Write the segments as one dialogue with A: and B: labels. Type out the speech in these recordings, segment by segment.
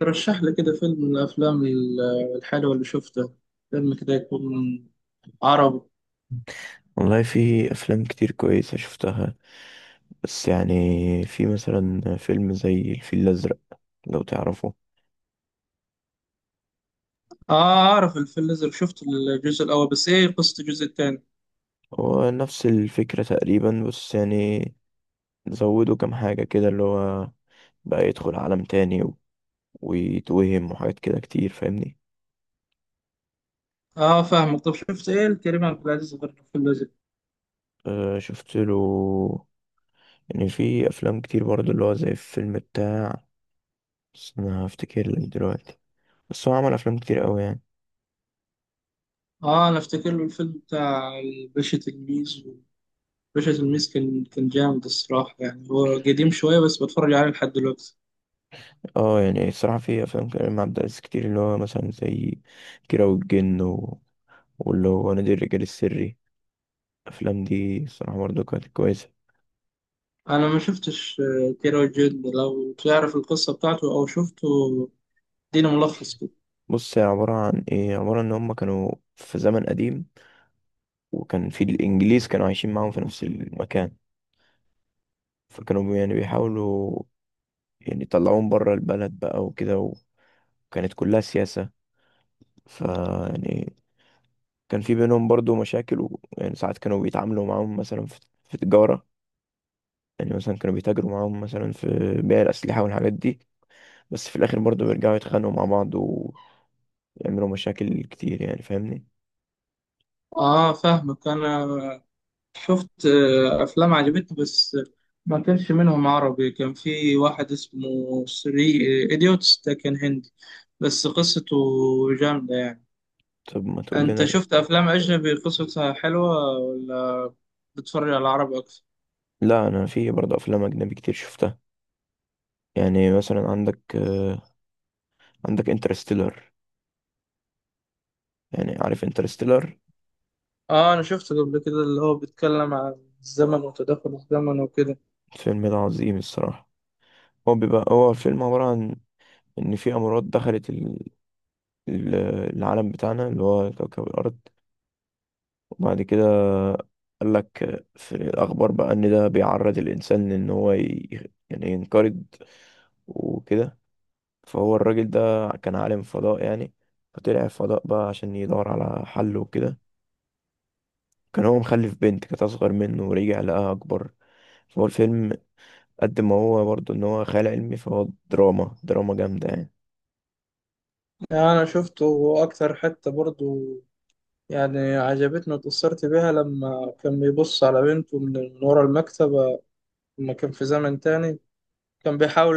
A: ترشح لي كده فيلم من الأفلام الحلوة اللي شفته، فيلم كده يكون عربي.
B: والله في أفلام كتير كويسة شفتها. بس يعني في مثلا فيلم زي الفيل الأزرق لو تعرفه.
A: آه، أعرف الفيل الأزرق، شفت الجزء الأول، بس إيه قصة الجزء الثاني؟
B: هو نفس الفكرة تقريبا، بس يعني زودوا كام حاجة كده، اللي هو بقى يدخل عالم تاني ويتوهم وحاجات كده كتير، فاهمني؟
A: آه فاهمك. طب شفت إيه الكريم عبد العزيز غير الفيل الأزرق؟
B: أه شفت له. يعني في أفلام كتير برضه اللي هو زي الفيلم بتاع، بس أنا هفتكر لك دلوقتي. بس هو عمل أفلام كتير أوي يعني.
A: آه، أنا أفتكر له الفيلم بتاع الباشا تلميذ. الباشا تلميذ كان جامد الصراحة، يعني هو قديم شوية بس بتفرج عليه لحد دلوقتي.
B: اه، يعني الصراحة في أفلام كريم عبد العزيز كتير، اللي هو مثلا زي كيرة والجن واللي هو نادي الرجال السري. الأفلام دي الصراحة برضه كانت كويسة.
A: أنا ما شفتش كيرة والجن، لو تعرف القصة بتاعته أو شفته اديني ملخص كده.
B: بص، هي عبارة عن إيه؟ عبارة إن هما كانوا في زمن قديم، وكان في الإنجليز كانوا عايشين معاهم في نفس المكان. فكانوا يعني بيحاولوا يعني يطلعوهم بره البلد بقى وكده، وكانت كلها سياسة. ف يعني كان في بينهم برضه مشاكل، ويعني ساعات كانوا بيتعاملوا معاهم مثلا في تجارة. يعني مثلا كانوا بيتاجروا معاهم مثلا في بيع الأسلحة والحاجات دي. بس في الآخر برضه بيرجعوا يتخانقوا مع بعض ويعملوا مشاكل كتير، يعني فاهمني؟
A: آه فاهمك. أنا شفت أفلام عجبتني، بس ما كانش منهم عربي. كان في واحد اسمه سري إيديوتس، ده كان هندي بس قصته جامدة يعني.
B: طب ما تقول
A: أنت
B: لنا.
A: شفت أفلام أجنبي قصتها حلوة، ولا بتتفرج على العربي أكتر؟
B: لا، أنا في برضه أفلام أجنبي كتير شفتها. يعني مثلا عندك عندك انترستيلر. يعني عارف انترستيلر؟
A: آه، أنا شفته قبل كده، اللي هو بيتكلم عن الزمن وتداخل الزمن وكده.
B: الفيلم ده عظيم الصراحة. هو بيبقى هو الفيلم عبارة عن إن في أمراض دخلت ال- العالم بتاعنا اللي هو كوكب الأرض. بعد كده قال لك في الأخبار بقى إن ده بيعرض الإنسان إن هو يعني ينقرض وكده. فهو الراجل ده كان عالم فضاء يعني، فطلع الفضاء بقى عشان يدور على حل وكده. كان هو مخلف بنت كانت أصغر منه، ورجع لقاها أكبر. فهو الفيلم قد ما هو برضه إن هو خيال علمي، فهو دراما دراما جامدة يعني.
A: يعني أنا شفته أكتر حتة برضو، يعني عجبتني واتأثرت بيها لما كان بيبص على بنته من ورا المكتبة، لما كان في زمن تاني كان بيحاول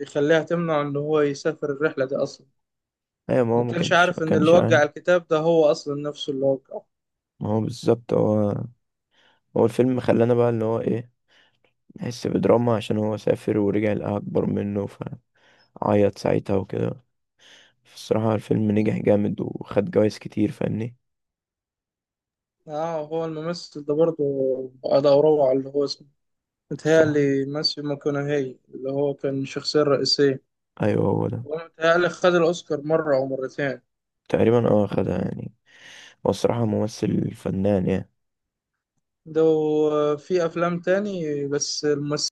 A: يخليها تمنع ان هو يسافر الرحلة دي اصلا.
B: أيوة، ما هو
A: ما
B: ما
A: كانش
B: كانش
A: عارف
B: ما
A: ان اللي
B: كانش عارف.
A: وقع الكتاب ده هو اصلا نفسه اللي وقعه.
B: ما هو بالظبط. هو الفيلم خلانا بقى اللي هو إيه، نحس بدراما عشان هو سافر ورجع لقاها أكبر منه، ف عيط ساعتها وكده. الصراحة الفيلم نجح جامد وخد جوايز كتير، فاهمني؟
A: اه، هو الممثل ده برضه، ادوره على اللي هو اسمه،
B: الصراحة
A: متهيألي ماسيو ماكونهي، اللي هو كان الشخصية الرئيسية.
B: أيوه هو ده.
A: هو متهيألي خد الأوسكار مرة أو مرتين.
B: تقريبا اه خدها يعني. هو الصراحة ممثل فنان يعني.
A: ده في أفلام تاني، بس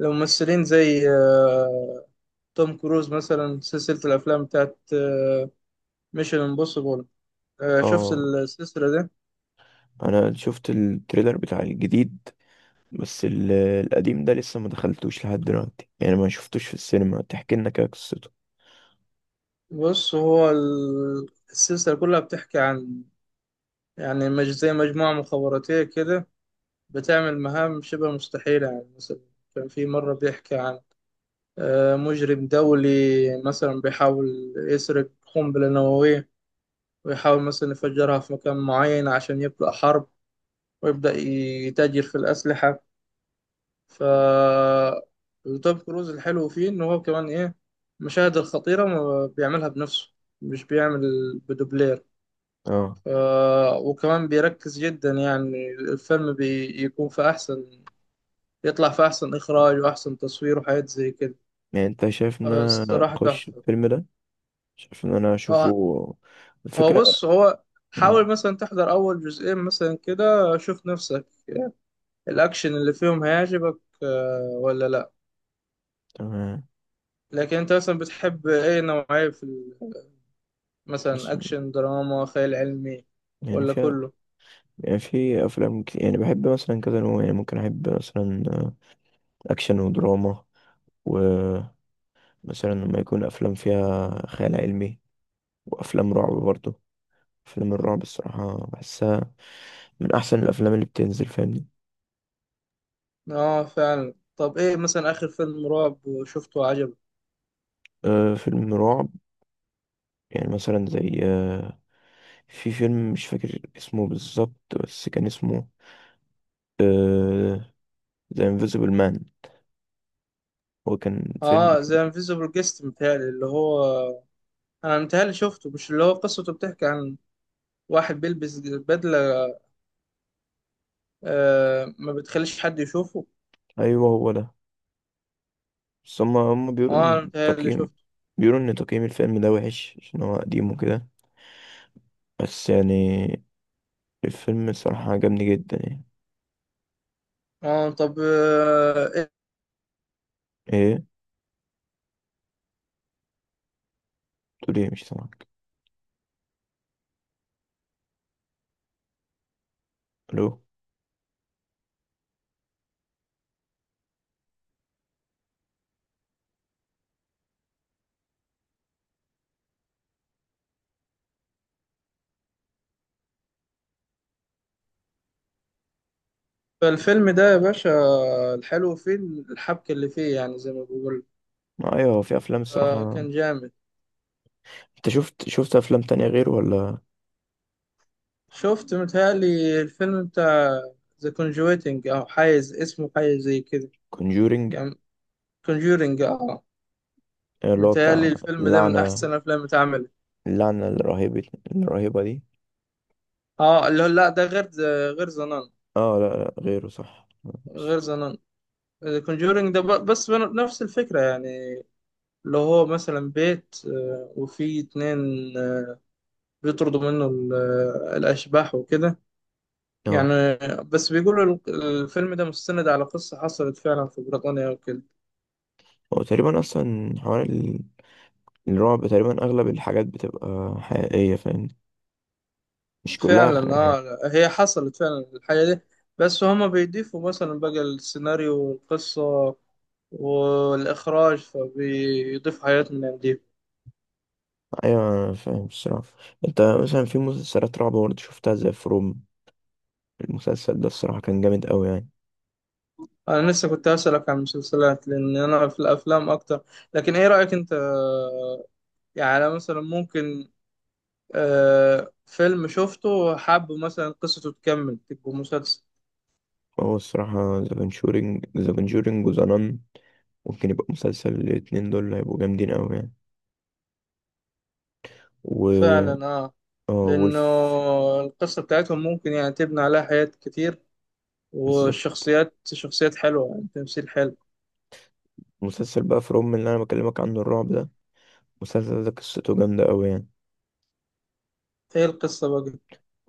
A: الممثلين زي توم كروز، مثلا سلسلة الأفلام بتاعت ميشن امبوسيبل، آه، شفت
B: اه.
A: السلسلة دي؟
B: أنا شفت التريلر بتاع الجديد، بس القديم ده لسه ما دخلتوش لحد دلوقتي، يعني ما شفتوش في السينما. تحكي لنا كده قصته.
A: بص، هو السلسلة كلها بتحكي عن، يعني مج زي مجموعة مخابراتية كده، بتعمل مهام شبه مستحيلة. يعني مثلا كان في مرة بيحكي عن مجرم دولي مثلا بيحاول يسرق قنبلة نووية، ويحاول مثلا يفجرها في مكان معين عشان يبدأ حرب ويبدأ يتاجر في الأسلحة. ف توم كروز الحلو فيه إن هو كمان إيه، المشاهد الخطيرة ما بيعملها بنفسه، مش بيعمل بدوبلير.
B: اه،
A: وكمان بيركز جدا، يعني الفيلم بيكون في أحسن، يطلع في أحسن إخراج وأحسن تصوير وحاجات زي كده.
B: يعني انت شايف ان انا
A: الصراحة
B: اخش
A: تحفة.
B: الفيلم ده؟ شايف ان انا
A: آه،
B: اشوفه؟
A: هو
B: الفكرة.
A: بص هو،
B: مم،
A: حاول مثلا تحضر أول جزئين مثلا كده، شوف نفسك الأكشن اللي فيهم هيعجبك ولا لأ.
B: تمام.
A: لكن أنت مثلا بتحب أي نوعية في
B: بس
A: مثلا أكشن، دراما، خيال علمي،
B: يعني
A: ولا
B: فيها
A: كله؟
B: يعني، في افلام كتير يعني بحب مثلا كذا نوع، يعني ممكن احب مثلا اكشن ودراما، ومثلا لما يكون افلام فيها خيال علمي، وافلام رعب برضه. افلام الرعب الصراحه بحسها من احسن الافلام اللي بتنزل، فاهمني؟
A: آه فعلا. طب إيه مثلا آخر فيلم رعب شفته عجبك؟
B: أه فيلم رعب، يعني مثلا زي أه، في فيلم مش فاكر اسمه بالظبط بس كان اسمه أه The Invisible Man. هو كان فيلم.
A: اه، زي انفيزيبل جيست متهيألي، اللي هو انا متهيألي شفته، مش اللي هو قصته بتحكي عن واحد بيلبس بدلة آه ما بتخليش حد يشوفه؟
B: ايوه هو ده. بس هم بيقولوا
A: اه انا
B: ان
A: متهيألي
B: تقييم
A: شفته.
B: بيقولوا ان تقييم الفيلم ده وحش عشان هو قديم وكده. بس يعني الفيلم الصراحة عجبني جدا يعني.
A: اه، طب آه،
B: ايه؟ تقول ايه؟ مش سامعك. الو.
A: الفيلم ده يا باشا، الحلو فيه الحبكة اللي فيه، يعني زي ما بقول،
B: ما ايوه، في افلام
A: آه
B: الصراحة.
A: كان جامد.
B: انت شفت شفت افلام تانية غيره ولا؟
A: شفت متهيألي الفيلم بتاع ذا كونجويتنج او حايز اسمه حاجة زي كده،
B: كونجورينج،
A: كان كونجورينج اه.
B: اللي هو
A: متهيألي
B: بتاع
A: الفيلم ده من
B: اللعنة،
A: احسن افلام اتعمل.
B: اللعنة الرهيبة الرهيبة دي.
A: اه، اللي هو لا، ده غير غير زنان،
B: اه، لا لا، غيره صح.
A: غير زنان. كونجورينج ده بس نفس الفكرة يعني، اللي هو مثلا بيت وفي اتنين، آه، بيطردوا منه الأشباح وكده. يعني
B: اه.
A: بس بيقولوا الفيلم ده مستند على قصة حصلت فعلا في بريطانيا وكده.
B: هو تقريبا اصلا حوار الرعب، تقريبا اغلب الحاجات بتبقى حقيقية، فاهم؟ مش كلها.
A: فعلا اه، هي حصلت فعلا الحاجة دي، بس هما بيضيفوا مثلا بقى السيناريو والقصة والإخراج، فبيضيفوا حاجات من عندهم.
B: ايوه أنا فاهم الصراحه. انت مثلا في مسلسلات رعب برضه شفتها زي فروم؟ المسلسل ده الصراحه كان جامد قوي يعني.
A: انا لسه كنت اسالك عن المسلسلات، لان انا في الافلام اكتر. لكن ايه رايك انت؟ يعني أنا مثلا ممكن فيلم شفته وحابه مثلا قصته تكمل تبقى مسلسل.
B: هو الصراحه ذا كونجورينج وذا نان ممكن يبقى مسلسل. الاتنين دول هيبقوا جامدين قوي يعني. و
A: فعلا اه.
B: اه
A: لانه
B: وولف.
A: القصه بتاعتهم ممكن يعني تبني عليها حاجات كتير،
B: بالظبط.
A: والشخصيات شخصيات حلوه يعني تمثيل حلو.
B: مسلسل بقى فروم اللي انا بكلمك عنه الرعب ده، المسلسل ده قصته جامده قوي يعني.
A: ايه القصه بقى؟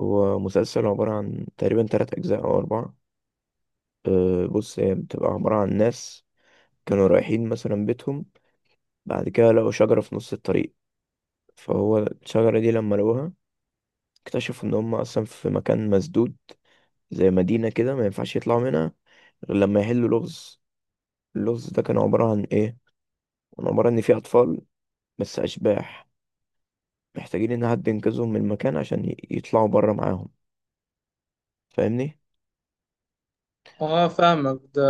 B: هو مسلسل عباره عن تقريبا 3 أجزاء أو 4. أه بص، هي بتبقى عباره عن ناس كانوا رايحين مثلا بيتهم، بعد كده لقوا شجرة في نص الطريق. فهو الشجرة دي لما لقوها، اكتشفوا إن هم أصلا في مكان مسدود زي مدينة كده، ما ينفعش يطلعوا منها غير لما يحلوا لغز. اللغز ده كان عبارة عن إيه؟ كان عبارة إن في أطفال، بس أشباح، محتاجين إن حد ينقذهم من المكان عشان يطلعوا بره معاهم، فاهمني؟
A: اه فاهمك. ده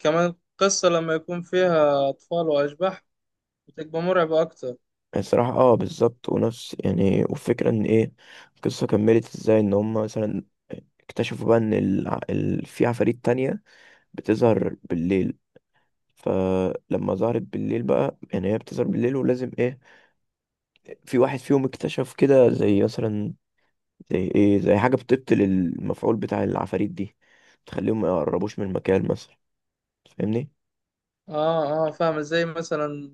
A: كمان القصه لما يكون فيها اطفال واشباح بتبقى مرعبه اكتر.
B: الصراحة اه بالظبط. ونفس يعني، والفكرة إن إيه، القصة كملت إزاي، إن هم مثلا اكتشفوا بقى إن في عفاريت تانية بتظهر بالليل. فلما ظهرت بالليل بقى، يعني هي بتظهر بالليل ولازم إيه، في واحد فيهم اكتشف كده زي مثلا، زي ايه، زي حاجة بتبطل المفعول بتاع العفاريت دي، تخليهم ما يقربوش من المكان مثلا، فاهمني؟
A: اه اه فاهم، زي مثلا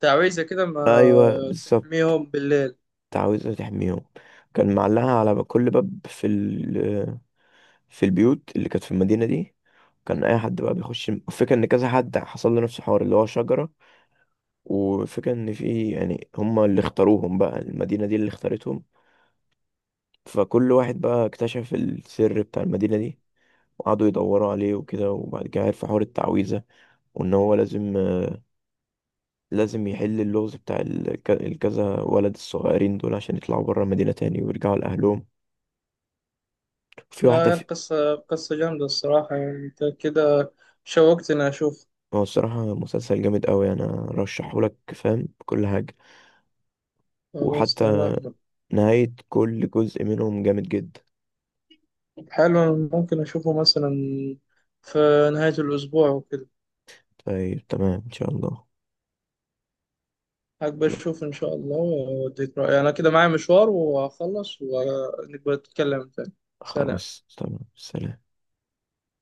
A: تعويذة كده ما
B: ايوه بالظبط.
A: تحميهم بالليل.
B: عاوزة تحميهم. كان معلقها على كل باب في في البيوت اللي كانت في المدينة دي. كان اي حد بقى بيخش، الفكرة ان كذا حد حصل له نفس الحوار، اللي هو شجرة، وفكرة ان في يعني هما اللي اختاروهم بقى، المدينة دي اللي اختارتهم. فكل واحد بقى اكتشف السر بتاع المدينة دي، وقعدوا يدوروا عليه وكده، وبعد كده عرف حوار التعويذة، وإن هو لازم يحل اللغز بتاع الكذا ولد الصغيرين دول عشان يطلعوا بره المدينة تاني ويرجعوا لأهلهم. في واحدة
A: لا،
B: في.
A: القصة قصة جامدة الصراحة، يعني انت كده شوقتني اشوف.
B: هو الصراحة مسلسل جامد أوي، أنا رشحهولك فاهم بكل حاجة.
A: خلاص
B: وحتى
A: تمام.
B: نهاية كل جزء منهم جامد جدا.
A: حلو، ممكن اشوفه مثلا في نهاية الاسبوع وكده.
B: طيب تمام إن شاء الله.
A: هقبل اشوف ان شاء الله واديك رأيي، انا كده معايا مشوار وهخلص ونبقى نتكلم تاني. سلام.
B: خلاص تمام سلام.